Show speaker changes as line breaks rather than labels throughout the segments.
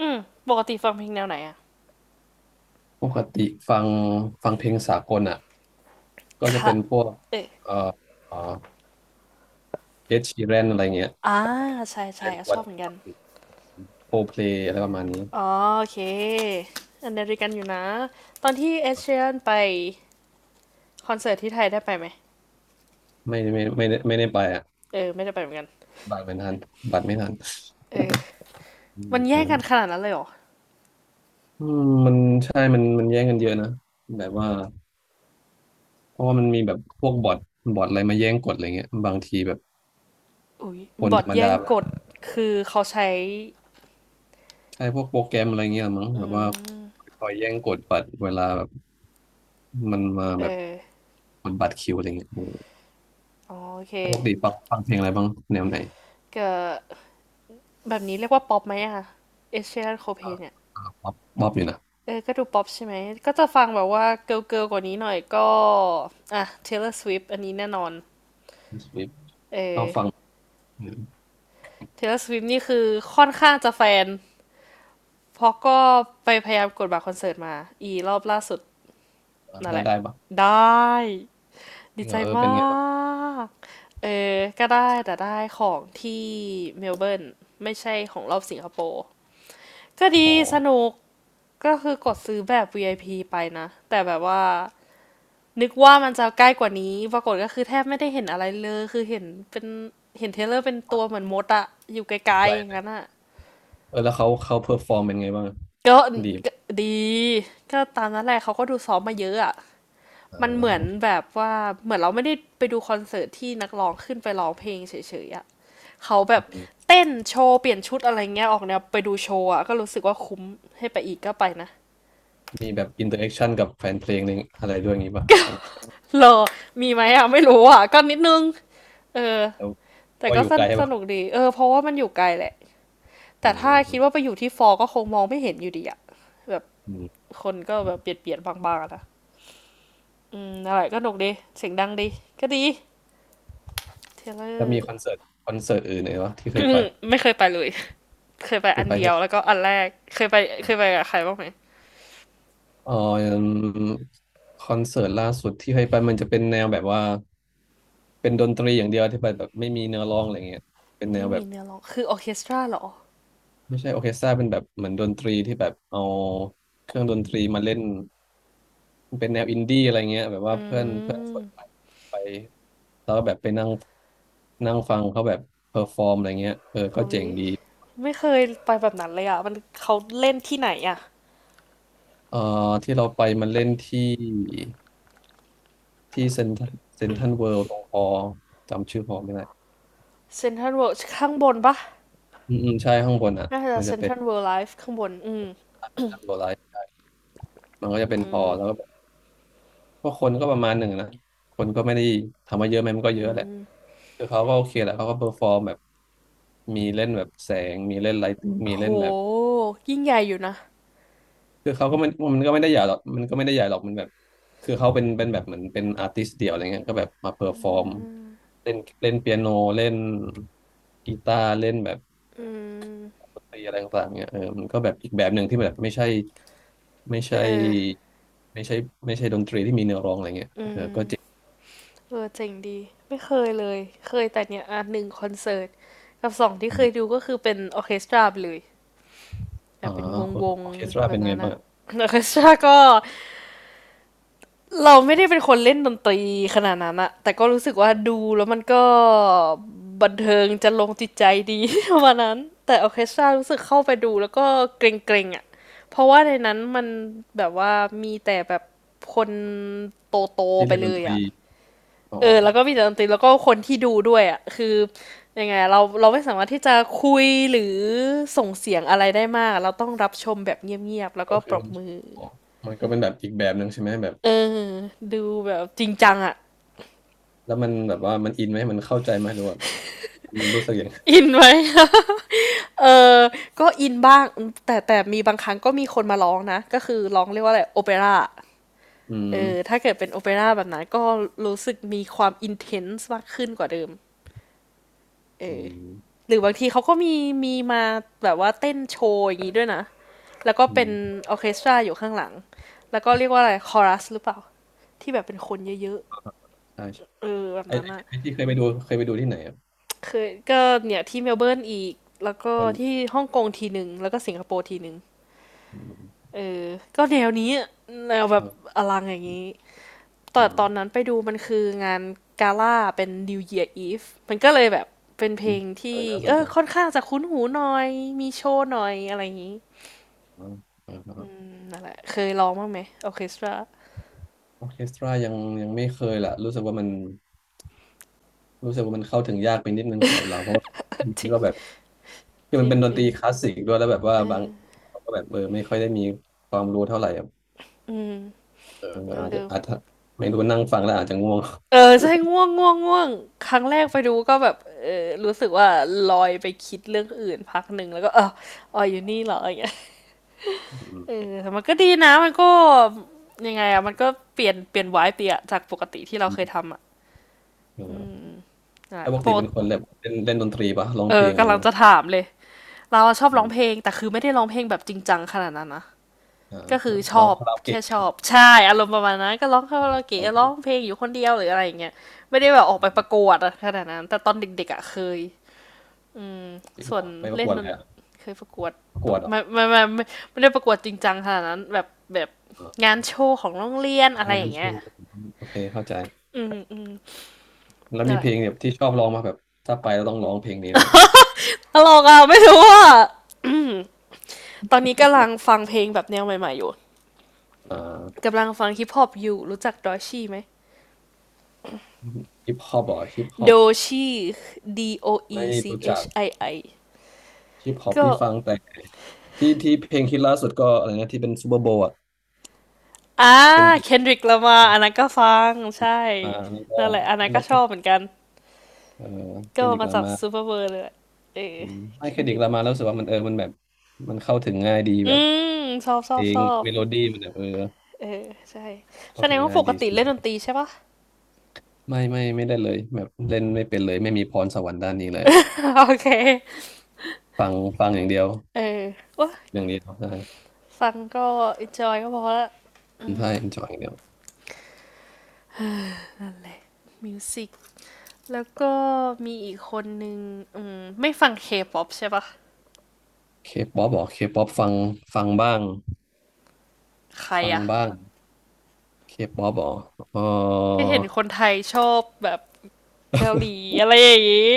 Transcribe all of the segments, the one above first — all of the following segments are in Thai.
อืมปกติฟังเพลงแนวไหนอะ
ปกติฟังเพลงสากลอ่ะก็จะ
ค่ะ
เป็นพวก
เออ
เอ่อเอ่อเอชชีแรนอะไรเงี้ย
อ่าใช่ใช่
เป็น
อ่ะช
วั
อ
น
บเหมือนกัน
โคเพลอะไรประมาณนี้
อ๋อโอเคอันเดริกันอยู่นะตอนที่เอ
ครั
เชีย
บ
นไปคอนเสิร์ตที่ไทยได้ไปไหม
ไม่ได้ไปอ่ะ
เออไม่ได้ไปเหมือนกัน
บัตรไม่ทันบัตรไม่ทัน
เออ
อืม
มัน
เอ
แย่
อ
งกันขนาดนั้นเลยเหรอ
อืมมันใช่มันแย่งกันเยอะนะแบบว่าเพราะว่ามันมีแบบพวกบอทอะไรมาแย่งกดอะไรเงี้ยบางทีแบบ
อุ้ย
คน
บอ
ธร
ท
รม
แย่
ดา
ง
แบ
ก
บ
ดคือเขาใช้
ใช่พวกโปรแกรมอะไรเงี้ยมั้งแบ
อื
บว่า
ม
คอยแย่งกดบัตรเวลาแบบมันมา
เอ
แบบ
อ
กดบัตรคิวอะไรเงี้ย
อ๋อโอเค
ปกติฟังเพลงอะไรบ้างแนวไหน
ก็แบบนี้เรียกว่าป๊อปไหมอะเอเชียนโคเพ
อ่า
นเนี่ย
อ่าบ๊อบอยู่นะ
เออก็ดูป๊อปใช่ไหมก็จะฟังแบบว่าเกิร์ลเกิร์ลกว่านี้หน่อยก็อ่ะ Taylor Swift อันนี้แน่นอน
สวิฟ
เอ
ชอบ
อ
ฟังอื
Taylor Swift นี่คือค่อนข้างจะแฟนเพราะก็ไปพยายามกดบัตรคอนเสิร์ตมาอีรอบล่าสุด
อ
นั่น
แล้
แห
ว
ละ
ได้ปะ
ได้
จ
ดี
ริงเห
ใจ
รอเออเป็
มา
นไงบ้าง
กเออก็ได้แต่ได้ของที่เมลเบิร์นไม่ใช่ของรอบสิงคโปร์ก็
โอ้
ดี
โห
สนุกก็คือกดซื้อแบบ VIP ไอพีไปนะแต่แบบว่า นึกว่ามันจะใกล้กว่านี้ปรากฏก็คือแทบไม่ได้เห็นอะไรเลยคือเห็นเป็นเห็นเทรลเลอร์เป็นตัวเหมือนมดอะอยู่ไกล
ไกล
ๆอย่า
เล
ง
ย
นั้นอะ
เออแล้วเขาเพอร์ฟอร์มเป็นไงบ้าง
ก็
ดี
ก็ดีก็ตามนั้นแหละเขาก็ดูซ้อมมาเยอะอะ
อ่า
มันเหมือ
โอ
น
เค
แบบว่าเหมือนเราไม่ได้ไปดูคอนเสิร์ตที่นักร้องขึ้นไปร้องเพลงเฉยๆอะเขาแบบ
ม
เต้นโชว์เปลี่ยนชุดอะไรเงี้ยออกแนวไปดูโชว์อะก็รู้สึกว่าคุ้มให้ไปอีกก็ไปนะ
ีแบบอินเตอร์แอคชั่นกับแฟนเพลงนึงอะไรด้วยอย่างงี้ปะใช่ไหม
เหรอมีไหมอะไม่รู้อะก็นิดนึงเออ
แล้ว
แต่
ก็
ก็
อยู่
ส
ไก
น
ลใช่
ส
ปะ
นุกดีเออเพราะว่ามันอยู่ไกลแหละ
อื
แต่ถ้าคิดว่าไป
ม
อยู่ที่ฟอก็คงมองไม่เห็นอยู่ดีอะแบบ
อืม
คนก็แบบเบียดบางๆนะอืมอะไรก็หนุกดีเสียงดังดีก็ดี เทเลอ
แล้วมี
ร์
คอนเสิร์ตอื่นไหนวะที่เคยไป
ไม่เคยไปเลยเคยไป
คื
อั
อ
น
ไป
เดีย
แค่
วแล้วก็อันแรก เคยไปเคยไปกับใครบ้างไหม
เอ่อคอนเสิร์ตล่าสุดที่เคยไปมันจะเป็นแนวแบบว่า เป็นดนตรีอย่างเดียวที่แบบไม่มีเนื้อร้องอะไรเงี้ยเป็นแน
ไม่
วแบ
มี
บ
เนื้อร้องคือออร์เคสตราเหรอ
ไม่ใช่ออร์เคสตราเป็นแบบเหมือนดนตรีที่แบบเอาเครื่องดนตรีมาเล่นมันเป็นแนวอินดี้อะไรเงี้ยแบบว่า
อ
เพื่อนเพื่อนชวน
ืม
ไปไปแล้วก็แบบไปนั่งนั่งฟังเขาแบบเพอร์ฟอร์มอะไรเงี้ยเออก็
อุ้
เจ๋
ย
งดี
ไม่เคยไปแบบนั้นเลยอะมันเขาเล่นที่ไหนอะ
เอ่อที่เราไปมันเล่นที่ที่เซ็นเซ็นทรัลเวิลด์ตรงคอจำชื่อฮอไม่ได้
เซนทรัลเวิลด์ข้างบนปะ
อืมอืมใช่ข้างบนอ่ะ
น่าจะ
มัน
เซ
จะ
น
เป็
ท
น
รัลเวิลด์ไลฟ์ข้างบนอืม
โลไลท์มันก็จะเป็นฮอแล้วก็ ก็คนก็ประมาณหนึ่งนะคนก็ไม่ได้ทำมาเยอะไหมมันก็เยอะแหละคือเขาก็โอเคแหละเขาก็เ e อร์ฟอร์มแบบมีเล่นแบบแสงมีเล่นไลท์มี
โห
เล่นแบบ
ยิ่งใหญ่อยู่นะ
คือเขาก็มันก็ไม่ได้ใหญ่หรอกมันก็ไม่ได้ใหญ่หรอกมันแบบคือเขาเป็นแบบเหมือนเป็นอาร์ติสต์เดี่ยวอะไรเงี้ยก็แบบมาเพอร์ฟอร์มเล่นเล่นเปียโนเล่นกีตาร์เล่นแบบ
อืม
ดนตรีอะไรต่างๆเงี้ยเออมันก็แบบอีกแบบหนึ่งที่แบบไม่
เอ
ใช่
อ
ไม่ใช่ไม่ใช่ดนตรีที่มีเนื้อร้องอะไรเงี้ย
อื
เออก็
ม
เจ๋
เออเจ๋งดีไม่เคยเลยเคยแต่เนี่ยอ่ะหนึ่งคอนเสิร์ตกับสองที่เคย
ง
ดูก็คือเป็นออร์เคสตราไปเลยแบ
อ๋อ
บเป็นวง
อ
วง
อร์เคสตรา
แบ
เป็
บ
นไง
นั้น
บ้า
อะ
ง
ออร์เคสตราก็เราไม่ได้เป็นคนเล่นดนตรีขนาดนั้นอะแต่ก็รู้สึกว่าดูแล้วมันก็บันเทิงจะลงจิตใจดี ประมาณนั้นแต่ออร์เคสตรารู้สึกเข้าไปดูแล้วก็เกรงๆอะเพราะว่าในนั้นมันแบบว่ามีแต่แบบคนโต
ที่
ๆไป
เรียนด
เล
นต
ย
รี
อะ
อ๋อ
เออแล้วก็มีแต่ดนตรีแล้วก็คนที่ดูด้วยอ่ะคือยังไงเราไม่สามารถที่จะคุยหรือส่งเสียงอะไรได้มากเราต้องรับชมแบบเงียบๆแล้ว
ก็
ก็ป
คื
ร
อ
บมือ
อ๋อมันก็เป็นแบบอีกแบบหนึ่งใช่ไหมแบบ
เออดูแบบจริงจังอ่ะ
แล้วมันแบบว่ามันอินไหมมันเข้าใจไหมหรือว่ามันรู้สึกยังไง
อินไหม เออก็อินบ้างแต่มีบางครั้งก็มีคนมาร้องนะก็คือร้องเรียกว่าอะไรโอเปร่า
อื
เอ
ม
อถ้าเกิดเป็นโอเปร่าแบบนั้นก็รู้สึกมีความอินเทนส์มากขึ้นกว่าเดิมเอ
อื
อ
ม
หรือบางทีเขาก็มีมาแบบว่าเต้นโชว์อย่างนี้ด้วยนะแล้วก็
อื
เป็น
ม
ออร์เคสตราอยู่ข้างหลัง แล้วก็เรียกว่าอะไรคอรัสหรือเปล่าที่แบบเป็นคนเยอะ
ใช่ใช่
ๆเออแบบนั้นอะ
ไอ้ที่เคยไปดูที่ไหนอ่ะ
เคยก็เนี่ยที่เมลเบิร์นอีกแล้วก็
มัน
ที่ฮ่องกงทีหนึ่งแล้วก็สิงคโปร์ทีหนึ่ง
อืม
เออก็แนวนี้อะแนวแบ
ค
บ
รั
อลังอย่าง
อื
นี้
ม
แต่ตอนนั้นไปดูมันคืองานกาล่าเป็น New Year Eve มันก็เลยแบบเป็นเพ
อื
ล
ม
ง
เออ
ที่
น่าส
เอ
น
อ
ใจ
ค่อนข้างจะคุ้นหูหน่อย มีโชว์หน่อยอะไรอย่างนี้
อืมออครับ
นั่นแหละเคยร้องบ้างไหมออเคสตรา
ออร์เคสตรายังไม่เคยล่ะรู้สึกว่ามันรู้สึกว่ามันเข้าถึงยากไปนิดนึงสำหรับเราเพราะว่า
จ
มั
ริ
น
ง
ก็แบบ คือ
จ
มั
ริ
น
ง
เป็นด
จ
น
ริ
ต
ง
รีคลาสสิกด้วยแล้วแบบว่าบางเราก็แบบเออไม่ค่อยได้มีความรู้เท่าไหร่อะ
อืม
เออ
เอ
อาจจะ
อ
ไม่รู้นั่งฟังแล้วอาจจะง่วง
เออใช่ง่วงง่วงง่วงครั้งแรกไปดูก็แบบเออรู้สึกว่าลอยไปคิดเรื่องอื่นพักหนึ่งแล้วก็เอออ๋ออยู่นี่เหรออย่างเงี้ย
อื
เอ
ม
อแต่มันก็ดีนะมันก็ยังไงอะมันก็เปลี่ยนไวายเปลี่ยนจากปกติที่เรา
อื
เคย
ม
ทำอะ
เออ
นั่นแห
แล้
ละ
วปก
ป
ติ
ก
เป็นคนแบบเล่นเล่นดนตรีปะร้อง
เอ
เพล
อ
งอะไร
กำลัง
เงี้ย
จะ
ปะ
ถามเลยเราชอบ
อื
ร้อง
ม
เพลงแต่คือไม่ได้ร้องเพลงแบบจริงจังขนาดนั้นนะ
อ่า
ก็คือช
ร้อ
อ
ง
บ
คาราโอ
แค่
เกะ
ช
เนี่ยเหร
อบ
อ
ใช่อารมณ์ประมาณนั้นก็ร้องคา
อ่า
รา
ร้อ
โอ
ง
เกะ
เพ
ร้
ล
อง
ง
เพลงอยู่คนเดียวหรืออะไรอย่างเงี้ยไม่ได้แบบออก
อื
ไปป
ม
ระกวดอะขนาดนั้นแต่ตอนเด็กๆอะเคย
จริง
ส่
เหร
วน
อไม่ประ
เล่
ก
น
วด
ด
เล
น
ยอะ
เคยประกวด
ประกวดเหรอ
ไม่ไม่ได้ประกวดจริงจังขนาดนั้นแบบ
อ่า
งานโชว์ของโรงเรียนอะไร
อ่าง
อ
น
ย่าง
โ
เงี้ย
โอเคเข้าใจ
อืมอืม
แล้ว
นั่น
มี
แห
เพ
ละ
ลงแบบที่ชอบร้องมาแบบถ้าไปแล้วต้องร้องเพลงนี้อะไรอย่างเงี้ย
ตลกอ่ะไม่รู้อ่ะ ตอนนี้กำลังฟังเพลงแบบแนวใหม่ๆอยู่
อ่า
กำลังฟังฮิปฮอปอยู่รู้จักดอชี่ไหม
ฮิปฮอปเหรอฮิปฮอ
โด
ป
ชี่ D O E
ไม่
C
รู้จั
H
ก
I I
ฮิปฮอป
ก็
นี่ฟังแต่ ที่เพลงคิดล่าสุดก็อะไรนะที่เป็นซูเปอร์โบว์อะ
อ่า
เคนดริก
Kendrick ล a m a อันนั้นก็ฟัง ใช่
มา แล้วก็
นั่นแหละอันนั้น
แล้
ก็
ว
ช
ก็
อบเหมือนกัน
เออเค
ก็
นดริก
มา
ลา
จาก
มา
Superbird เปอร์เบอร์เลยแหละเออ
อืมไม่เคนดริก
Kendrick
ลามาแล้วรู้สึกว่ามันเออ มันแบบ มันเข้าถึงง่ายดี
อื
แบบ
มชอบช
เพ
อ
ล
บช
ง
อบ
เมโลดี้มันแบบเออ
เออใช่ แส
เข้า
ด
ถึ
ง
ง
ว่า
ง่า
ป
ย
ก
ดี
ติเล่นดนตรีใช่ปะ
ไม่ได้เลยแบบเล่นไม่เป็นเลยไม่มีพรสวรรค์ด้านนี้เลยอะ
โอเค
ฟังอย่างเดียว
เออว้า
อย่างเดียวใช่
ฟังก็ enjoy ก็พอละ
ใช่ enjoy อย่างเดียว
นั่นแหละ music แล้วก็มีอีกคนนึงอืมไม่ฟัง K-pop ใช่ปะ
เคป๊อปหรอเคป๊อปฟังบ้าง
ใคร
ฟัง
อะ
บ้างเคป๊อปหรอเอ
ก็
อ
เห็นคนไทยชอบแบบเกาหลีอะไรอย่างงี้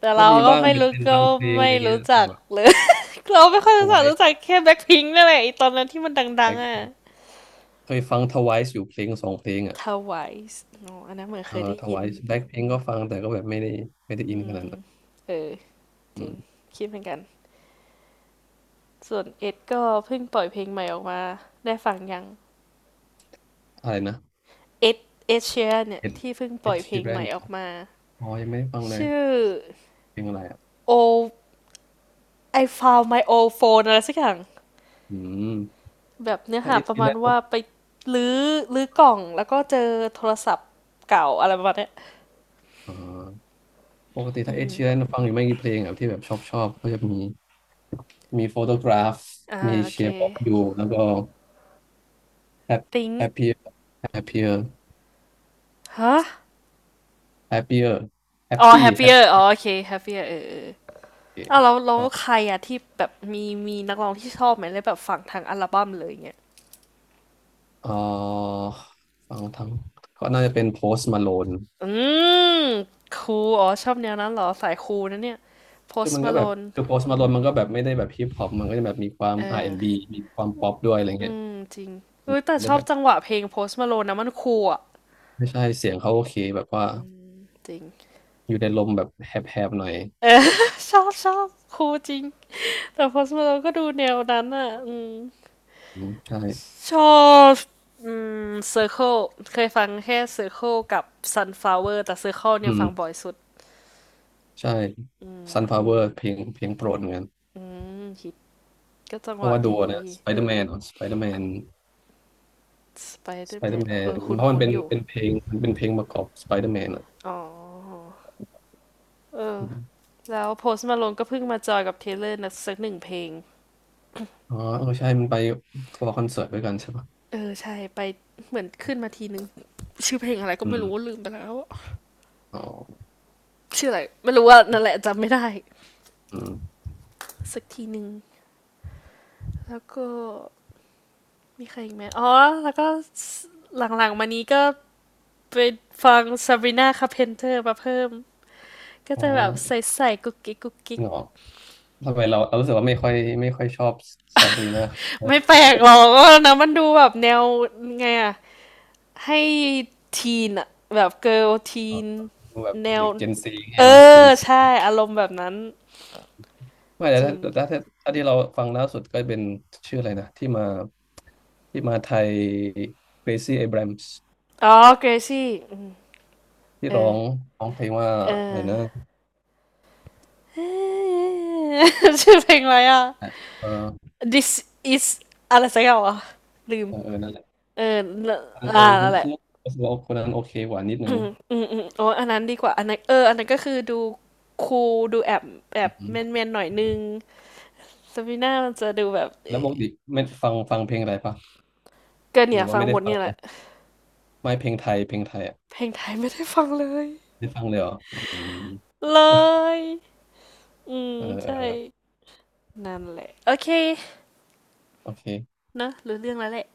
แต่
ก็
เรา
มี
ก็
บ้าง
ไม่
เป็น
รู้ก็
บางเพลงอะ
ไม่
ไรเงี้ย
รู้
แต่
จัก
แบบ
เลย เราไม่ค่อยรู้จัก
Twice
รู้จักแค่แบ็คพิงค์นั่นแหละไอตอนนั้นที่มันดั
แบ
ง
ล็ค
ๆอ่ะ
พิงเคยฟังทไวายอยู่เพลงสองเพลงอ่ะ
t w i c อ๋ออันนั้นเหมือน
เอ
เค
อ
ยได้
ท
ยิน
ไวายแบล็คพิงค์ก็ฟังแต่ก็แบบไม่ได้อิ
อื
นขนาด
ม
นั้น
เออจ
อื
ริง
ม
คิดเหมือนกันส่วนเอ็ดก็เพิ่งปล่อยเพลงใหม่ออกมาได้ฟังยัง
อะไรนะ
เอ็ดเอดเชียร์เนี่ย
เอ็ด
ที่เพิ่งป
เอ
ล่อยเพล
ชี
ง
ร
ให
น
ม่ออกมา
อ๋อยังไม่ได้ฟังเลย
ชื่อ
เพลงอะไรอ่ะ
O I found my old phone อลด์โฟนอะไรสักอย่าง
อืม
แบบเนื้อ
ถ้า
หา
เอ
ประ
ชี
มา
แร
ณ
นป
ว่า
ก
ไปลื้อลื้อกล่องแล้วก็เจอโทรศัพท์เก่าอะไรประมาณเนี้ย
อ่าปกติถ้าเอชีแรนฟังอยู่ไม่กี่เพลงอ่ะที่แบบชอบก็จะมีโฟโตกราฟ
อ่า
มี
โอ
เช
เค
ฟออฟยูแล้วก็แฮป
ติ้ง
แฮปปี้แฮปปี้
ฮะ
แฮปปี้
อ๋อ
แฮป
happier อ๋อโอเค happier เออเออ
ปี้
อ้าวแล้ว
เอ่
ใครอะที่แบบมีนักร้องที่ชอบไหมเลยแบบฝั่งทางอัลบั้มเลยเงี้ย
อฟังทั้งก็น่าจะเป็นโพส t m มาโลน
อืมคูลอ๋อชอบแนวนั้นเหรอสายคูลนะเนี่ย
คือ
post
มันก็แบบ
malone
คือโพสต์มาลอนมันก็แบบไม่ได้แบบฮิปฮอปมันก็จะแบบมีความ
เออ
R&B มีความป๊อปด้วยอะไร
อื
เงี้ย
มจริงเออแต่
มัน
ช
ได้
อ
แบ
บ
บ
จังหวะเพลง post malone นะมันคูลอะ
ไม่ใช่เสียงเขาโอเคแบบว่า
จริง
อยู่ในลมแบบแหบๆหน่อย
เออ ชอบชอบครูจริง แต่พอสมาเราก็ดูแนวนั้นอ่ะอืม
อืมใช่
ชอบอืมเซอร์เคิลเคยฟังแค่เซอร์เคิลกับซันฟลาวเวอร์แต่เซอร์เคิล
อื
เนี่ย
ม
ฟังบ่อยสุด
ใช่ Sunflower เพลงโปรดเหมือนกัน
อืมฮิตก็จัง
เพ
ห
ราะ
วะ
ว่าดู
ดี
นะ Spider-Man อ่ะ Spider-Man
สไปเดอร์แมนแล้วเอ
Spider-Man
อคุ้น
เพราะมัน
คุ้นอยู่
เป็นเพลงประกอบ Spider-Man อ่ะ
อ๋อเออ
อืม
แล้วโพสต์มาลงก็เพิ่งมาจอยกับเทเลอร์นะสักหนึ่งเพลง
อ๋อเออใช่มันไปทัวร์คอนเสิร์ตด้วยกันใช่ปะ
เออใช่ไปเหมือนขึ้นมาทีนึงชื่อเพลงอะไรก็
อื
ไม่
ม
รู้ลืมไปแล้ว
อ๋อ
ชื่ออะไรไม่รู้ว่านั่นแหละจำไม่ได้
อืม
สักทีหนึ่ง แล้วก็มีใครอีกไหม อ๋อ แล้วก็หลังๆมานี้ก็ไปฟัง Sabrina Carpenter มาเพิ่ม ก็
อ๋อ
จะแบบใส่ๆกุ๊กกิ๊กกุ๊ก
จ
กิ๊
ริ
ก
งเหรอ ทำไมเรารู้สึกว่าไม่ค่อยชอบซาบรีนาอ
ไม่แปลกหรอกนะมันดูแบบแนวไงอะให้ทีนอะแบบเกิร์ลที
๋อ
น
ดูแบบ
แนว
เด็กเจนซี
เอ
ใช่ไหมเจ
อ
น
ใช่อารมณ์แบบนั้น
ไม่แต่
จริ
ถ้า
ง
ถ้าที่เราฟังล่าสุดก็เป็นชื่ออะไรนะที่มาไทยเ r a ซี่ a อ r บรมส์
อ๋อเกรซี่อืม
ที่
เอ
ร้อ
อ
งเพลงว่า
เอ
อะไรนะ
อ เอ่ชื่อเพลงอะไรอ่ะ
เออ
This is อะไรสักอย่างวะลืม
เออเออนั่นแหละ
เออแล้ว
เอ
อ่า
อคุ
นั่
ณ
นแหละ
รู้สึกว่าคนนั้นโอเคกว่านิด นึ
อื
ง
มอืมอืมโอ้อันนั้นดีกว่าอันนั้นเอออันนั้นก็คือดูคูลดูแอบแอบ
อื
แมน
ม
แมนหน่อยนึงซาบีน่ามันจะดูแบบ
แล้วปกติไม่ฟังเพลงอะไรปะ
ก็
ห
เนี่
รื
ย
อว่า
ฟัง
ไม่
ห
ได้
มด
ฟัง
เนี่ยแห
เล
ละ
ยไม่เพลงไทยอ่ะ
เพลงไทยไม่ได้ฟังเลย
ได้ฟังเลยเหรออืม
เลยอืม
เออ
ใช่นั่นแหละ โอเค
โอเค
เนอะรู้เรื่องแล้วแหละ